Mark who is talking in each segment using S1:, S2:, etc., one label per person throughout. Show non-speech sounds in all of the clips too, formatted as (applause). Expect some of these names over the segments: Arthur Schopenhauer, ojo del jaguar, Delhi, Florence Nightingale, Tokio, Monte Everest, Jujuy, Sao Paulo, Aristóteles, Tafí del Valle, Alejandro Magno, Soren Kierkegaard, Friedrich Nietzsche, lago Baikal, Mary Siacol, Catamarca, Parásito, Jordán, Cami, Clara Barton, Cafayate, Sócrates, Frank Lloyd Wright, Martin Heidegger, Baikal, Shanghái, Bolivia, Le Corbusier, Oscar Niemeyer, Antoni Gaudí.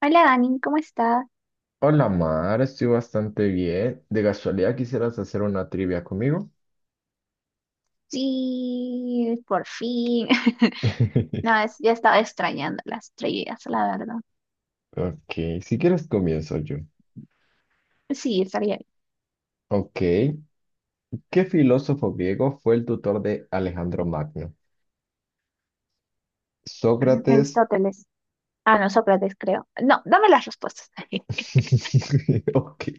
S1: Hola Dani, ¿cómo estás?
S2: Hola Mar, estoy bastante bien. ¿De casualidad quisieras hacer una trivia conmigo?
S1: Sí, por fin. (laughs) No,
S2: (laughs)
S1: ya estaba extrañando las trivias, la verdad.
S2: Ok, si quieres comienzo yo.
S1: Sí, estaría bien.
S2: Ok, ¿qué filósofo griego fue el tutor de Alejandro Magno?
S1: Ah,
S2: Sócrates.
S1: Aristóteles. Ah, no, Sócrates, creo. No, dame las respuestas. (laughs)
S2: (laughs) Ok.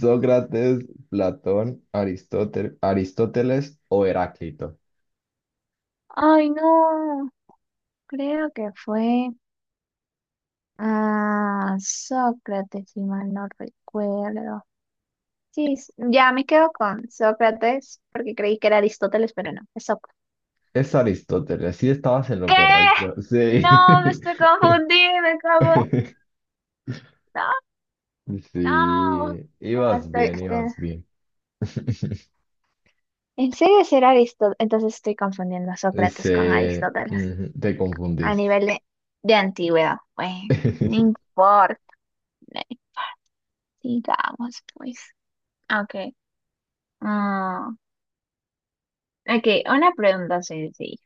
S2: Sócrates, Platón, Aristóteles o Heráclito.
S1: Ay, no, creo que fue Sócrates, si mal no recuerdo. Sí, ya me quedo con Sócrates porque creí que era Aristóteles, pero no, es Sócrates.
S2: Es Aristóteles, sí estabas en lo
S1: ¿Qué?
S2: correcto. Sí.
S1: No, me estoy
S2: (laughs)
S1: confundiendo, ¿cómo? No. No,
S2: Sí,
S1: no,
S2: ibas
S1: estoy,
S2: bien,
S1: estoy-
S2: ibas bien. (laughs)
S1: En serio será Aristóteles. Entonces estoy confundiendo a Sócrates con
S2: Se,
S1: Aristóteles
S2: ujú, te
S1: a
S2: confundiste.
S1: nivel de antigüedad. Bueno, no
S2: (laughs)
S1: importa. Digamos, pues. Ok. Mm, ok, una pregunta sencilla.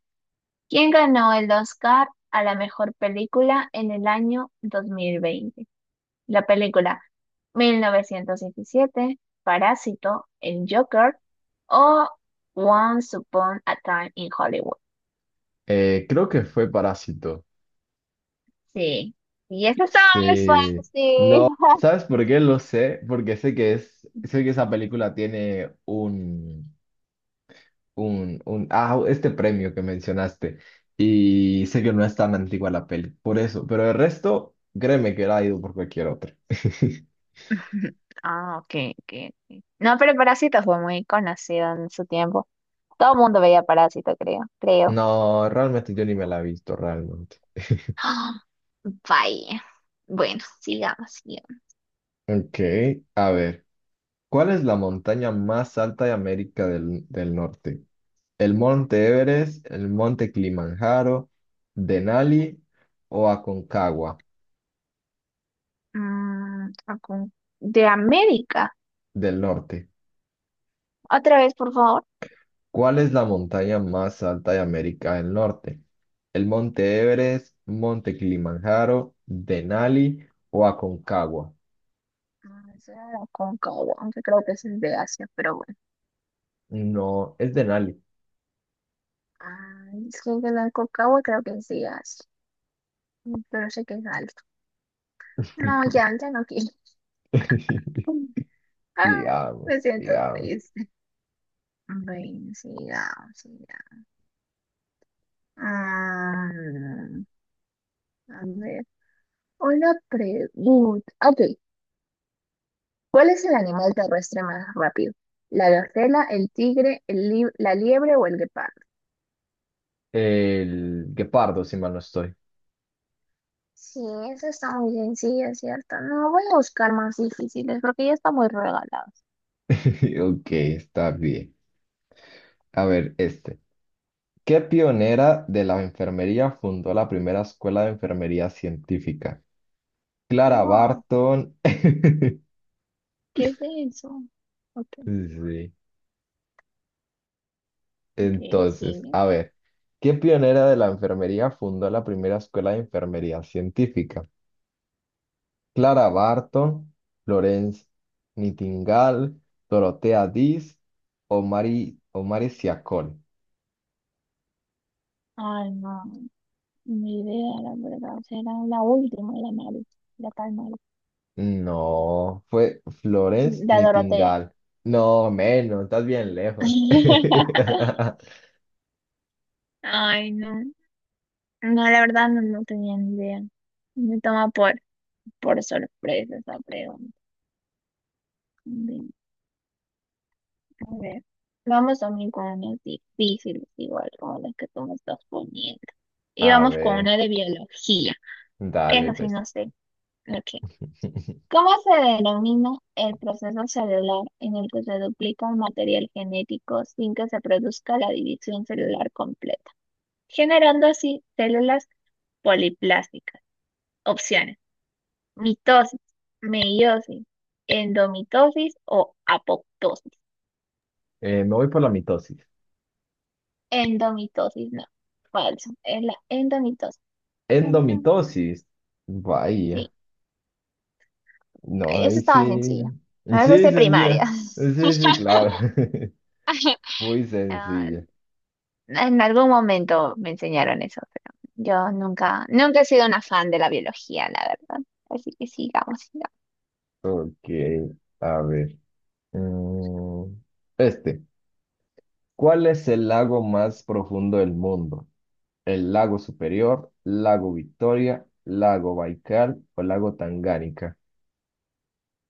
S1: ¿Quién ganó el Oscar a la mejor película en el año 2020? La película 1917, Parásito, El Joker o Once Upon a Time in Hollywood.
S2: Creo que fue Parásito.
S1: Sí. Y esta estaba muy
S2: Sí.
S1: fácil.
S2: ¿Sabes por qué lo sé? Porque sé que esa película tiene este premio que mencionaste. Y sé que no es tan antigua la peli, por eso. Pero el resto, créeme que era ido por cualquier otra. (laughs)
S1: (laughs) Ah, ok, ok, ok. No, pero Parásito fue muy conocido en su tiempo. Todo el mundo veía Parásito, creo, creo.
S2: No, realmente yo ni me la he visto, realmente.
S1: (gasps) Vaya. Bueno, sigamos, sigamos.
S2: Ok, a ver. ¿Cuál es la montaña más alta de América del Norte? El Monte Everest, el Monte Kilimanjaro, Denali o Aconcagua
S1: Mm, Acun- de América.
S2: del norte.
S1: Otra vez, por favor.
S2: ¿Cuál es la montaña más alta de América del Norte? El Monte Everest, Monte Kilimanjaro, Denali o Aconcagua.
S1: Eso era de Aconcagua, aunque creo que ese es de Asia, pero bueno.
S2: No, es Denali.
S1: Ah, es que el de Aconcagua creo que es de Asia. Pero sé que es alto. No, ya, ya no quiero.
S2: (laughs)
S1: (laughs) Ah, me
S2: Digamos,
S1: siento
S2: digamos.
S1: triste. Bueno, sigamos, sigamos. Mm, a ver, una pregunta. Ah, ok, ¿cuál es el animal terrestre más rápido? ¿La gacela, el tigre, la liebre o el guepardo?
S2: El guepardo, si mal no estoy.
S1: Sí, esa está muy sencilla, ¿cierto? No, voy a buscar más difíciles porque ya están muy regalados.
S2: (laughs) Ok, está bien. A ver, este. ¿Qué pionera de la enfermería fundó la primera escuela de enfermería científica? Clara
S1: Wow,
S2: Barton. (laughs)
S1: ¿qué es eso? Ok,
S2: Sí.
S1: ok,
S2: Entonces,
S1: sigue.
S2: a ver, ¿qué pionera de la enfermería fundó la primera escuela de enfermería científica? Clara Barton, Florence Nightingale, Dorotea Dis o Mary Siacol.
S1: Ay, no, ni idea, la verdad. Será la última, la Mari, la tal Mari.
S2: No, fue Florence
S1: La Dorotea.
S2: Nightingale. No, menos, estás bien lejos.
S1: (laughs)
S2: (laughs)
S1: Ay, no. No, la verdad no, no tenía ni idea. Me toma por sorpresa esa pregunta. Bien, a ver, vamos también con unas difíciles, igual como las que tú me estás poniendo. Y
S2: A
S1: vamos con
S2: ver,
S1: una de biología.
S2: dale,
S1: Eso sí,
S2: pues.
S1: no sé. Ok.
S2: (laughs)
S1: ¿Cómo se denomina el proceso celular en el que se duplica un material genético sin que se produzca la división celular completa, generando así células poliplásticas? Opciones. Mitosis, meiosis, endomitosis o apoptosis.
S2: Me voy por la mitosis.
S1: Endomitosis, no. Falso. Es la endomitosis. Tan, tan, tan.
S2: Endomitosis. Vaya.
S1: Sí.
S2: No,
S1: Ay, eso
S2: ahí
S1: estaba
S2: sí.
S1: sencillo. No, eso es
S2: Sí,
S1: de primaria.
S2: sencilla. Sí, sí,
S1: (laughs)
S2: claro. (laughs) Muy
S1: Ah,
S2: sencilla.
S1: en algún momento me enseñaron eso, pero yo nunca, nunca he sido una fan de la biología, la verdad. Así que sigamos, sigamos.
S2: Ok, a ver. Mm, Este. ¿Cuál es el lago más profundo del mundo? ¿El lago Superior, lago Victoria, lago Baikal o lago Tangánica?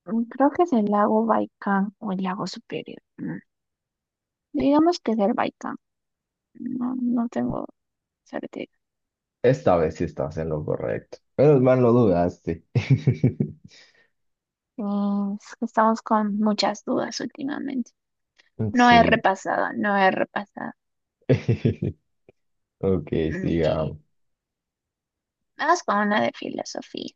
S1: Creo que es el lago Baikal o el lago Superior. Digamos que es el Baikal. No, no tengo sorteo.
S2: Esta vez sí estás en lo correcto. Menos mal lo dudaste. (laughs)
S1: Es que estamos con muchas dudas últimamente. No he
S2: Sí.
S1: repasado, no he repasado.
S2: (laughs) Ok,
S1: Ok,
S2: sigamos.
S1: vamos con una de filosofía.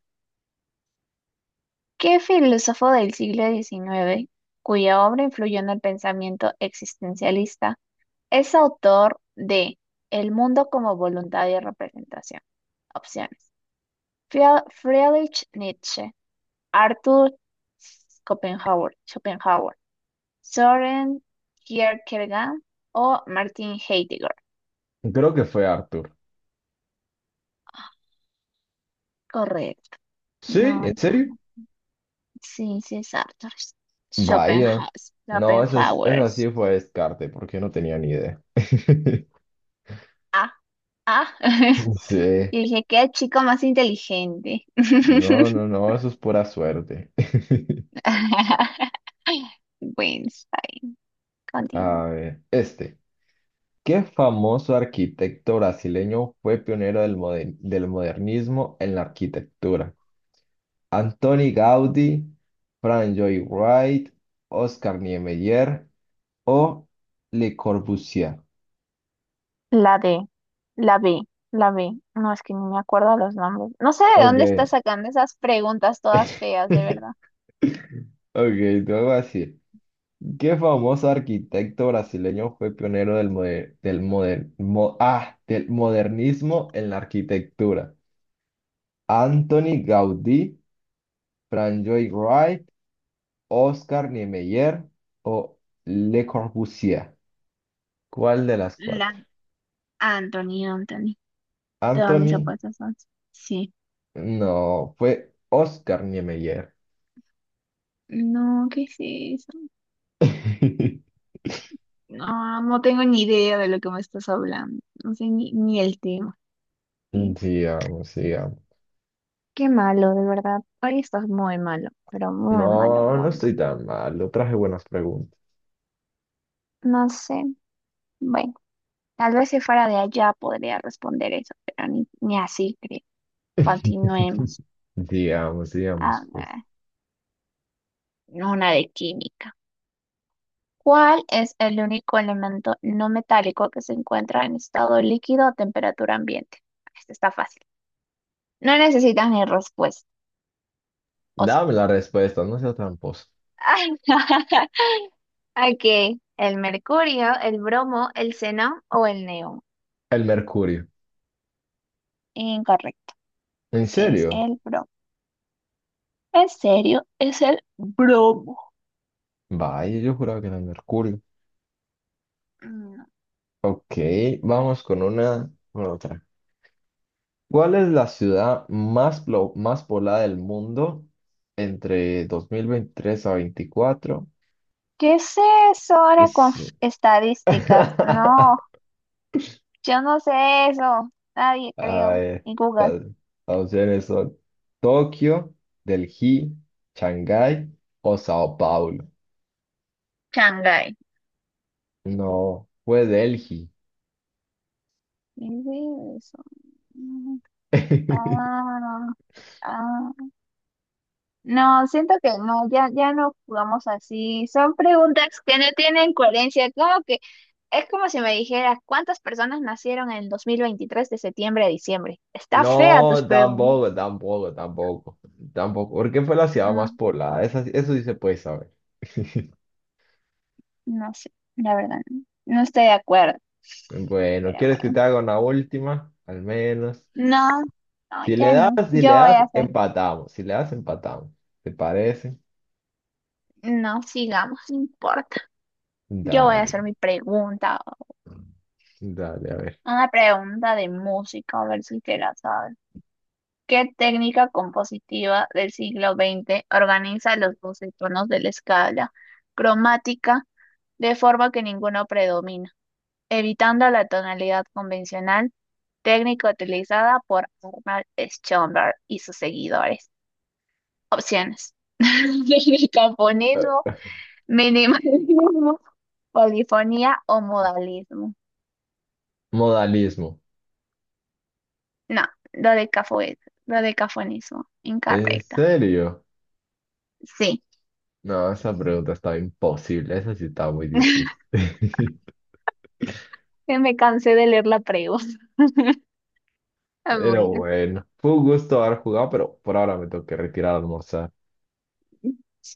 S1: ¿Qué filósofo del siglo XIX, cuya obra influyó en el pensamiento existencialista, es autor de El mundo como voluntad y representación? Opciones. Friedrich Nietzsche, Arthur Schopenhauer, Schopenhauer, Soren Kierkegaard o Martin Heidegger.
S2: Creo que fue Arthur.
S1: Correcto.
S2: ¿Sí?
S1: No,
S2: ¿En
S1: ya
S2: serio?
S1: no. Sí, sí, es Arthur.
S2: Vaya.
S1: Schopenhauer.
S2: No,
S1: Schopenhauer.
S2: esa sí fue descarte, porque no tenía ni idea. (laughs)
S1: Ah, ah. (laughs)
S2: Sí.
S1: Y dije, qué chico más inteligente.
S2: No,
S1: (laughs)
S2: no, no, eso es pura suerte. (laughs)
S1: Bueno, está bien. Continúe.
S2: A ver, este. ¿Qué famoso arquitecto brasileño fue pionero del modernismo en la arquitectura? Antoni Gaudí, Frank Lloyd Wright, Oscar Niemeyer o Le Corbusier.
S1: La D, la B, la B. No, es que ni me acuerdo los nombres. No sé de dónde
S2: Ok.
S1: está sacando esas preguntas todas feas, de verdad.
S2: (laughs) Ok, te voy a decir. ¿Qué famoso arquitecto brasileño fue pionero del modernismo en la arquitectura? Anthony Gaudí, Frank Wright, Oscar Niemeyer o Le Corbusier. ¿Cuál de las
S1: La
S2: cuatro?
S1: Anthony, Anthony. Todas mis
S2: Anthony,
S1: apuestas son. Sí.
S2: no, fue Oscar Niemeyer.
S1: No, ¿qué es eso?
S2: (laughs)
S1: No, no tengo ni idea de lo que me estás hablando. No sé ni el tema. Sí.
S2: Sigamos, sigamos.
S1: Qué malo, de verdad. Hoy estás muy malo, pero muy
S2: No,
S1: malo,
S2: no
S1: muy
S2: estoy
S1: malo.
S2: tan mal. Lo traje buenas preguntas.
S1: No sé. Bueno, tal vez si fuera de allá podría responder eso, pero ni así creo.
S2: (laughs)
S1: Continuemos.
S2: Digamos,
S1: A
S2: digamos, pues.
S1: ver, una de química. ¿Cuál es el único elemento no metálico que se encuentra en estado líquido a temperatura ambiente? Este está fácil. No necesitas ni respuesta. O sí.
S2: Dame la respuesta, no sea tramposo.
S1: (laughs) Ok, el mercurio, el bromo, el xenón o el neón.
S2: El mercurio.
S1: Incorrecto,
S2: ¿En
S1: es
S2: serio?
S1: el bromo. En serio, es el bromo.
S2: Vaya, yo juraba que era el mercurio.
S1: No.
S2: Ok, vamos con una, con otra. ¿Cuál es la ciudad más poblada del mundo entre 2023 a 24?
S1: ¿Qué es eso ahora con (laughs)
S2: Sí.
S1: estadísticas? No,
S2: (laughs)
S1: yo no sé eso. Nadie
S2: Ah,
S1: creo. Y Google.
S2: las las opciones son Tokio, Delhi, Shanghái o Sao Paulo.
S1: Shanghái.
S2: No, fue Delhi.
S1: ¿Qué es eso? Mm,
S2: (laughs)
S1: Ah, ah. No, siento que no, ya, ya no jugamos así. Son preguntas que no tienen coherencia. ¿Cómo que? Es como si me dijeras cuántas personas nacieron en el 2023 de septiembre a diciembre. Está fea tus
S2: No,
S1: preguntas.
S2: tampoco, tampoco, tampoco, tampoco, porque fue la ciudad más
S1: No,
S2: poblada, sí, eso sí se puede saber. (laughs)
S1: no sé, la verdad, no, no estoy de acuerdo,
S2: Bueno,
S1: pero
S2: ¿quieres que te
S1: bueno.
S2: haga una última? Al menos.
S1: No, no,
S2: Si le
S1: ya no.
S2: das, si le
S1: Yo voy
S2: das,
S1: a hacer,
S2: empatamos. Si le das, empatamos. ¿Te parece?
S1: no, sigamos, no importa. Yo voy a
S2: Dale,
S1: hacer mi pregunta.
S2: dale, a ver.
S1: Una pregunta de música, a ver si te la sabes. ¿Qué técnica compositiva del siglo XX organiza los 12 tonos de la escala cromática de forma que ninguno predomine, evitando la tonalidad convencional, técnica utilizada por Arnold Schoenberg y sus seguidores? Opciones: (laughs) Megafonismo, minimalismo, polifonía o modalismo.
S2: Modalismo.
S1: No, lo de dodecafonismo.
S2: ¿En
S1: Incorrecta.
S2: serio?
S1: Sí,
S2: No, esa pregunta estaba imposible, esa sí estaba muy difícil. (laughs)
S1: (laughs) que me cansé de leer la pregunta. Ah,
S2: Pero
S1: bueno,
S2: bueno, fue un gusto haber jugado, pero por ahora me tengo que retirar a almorzar.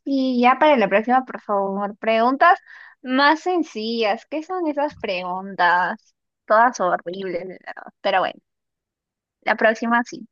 S1: y ya para la próxima, por favor, preguntas más sencillas. ¿Qué son esas preguntas? Todas horribles, de verdad. Pero bueno. La próxima sí.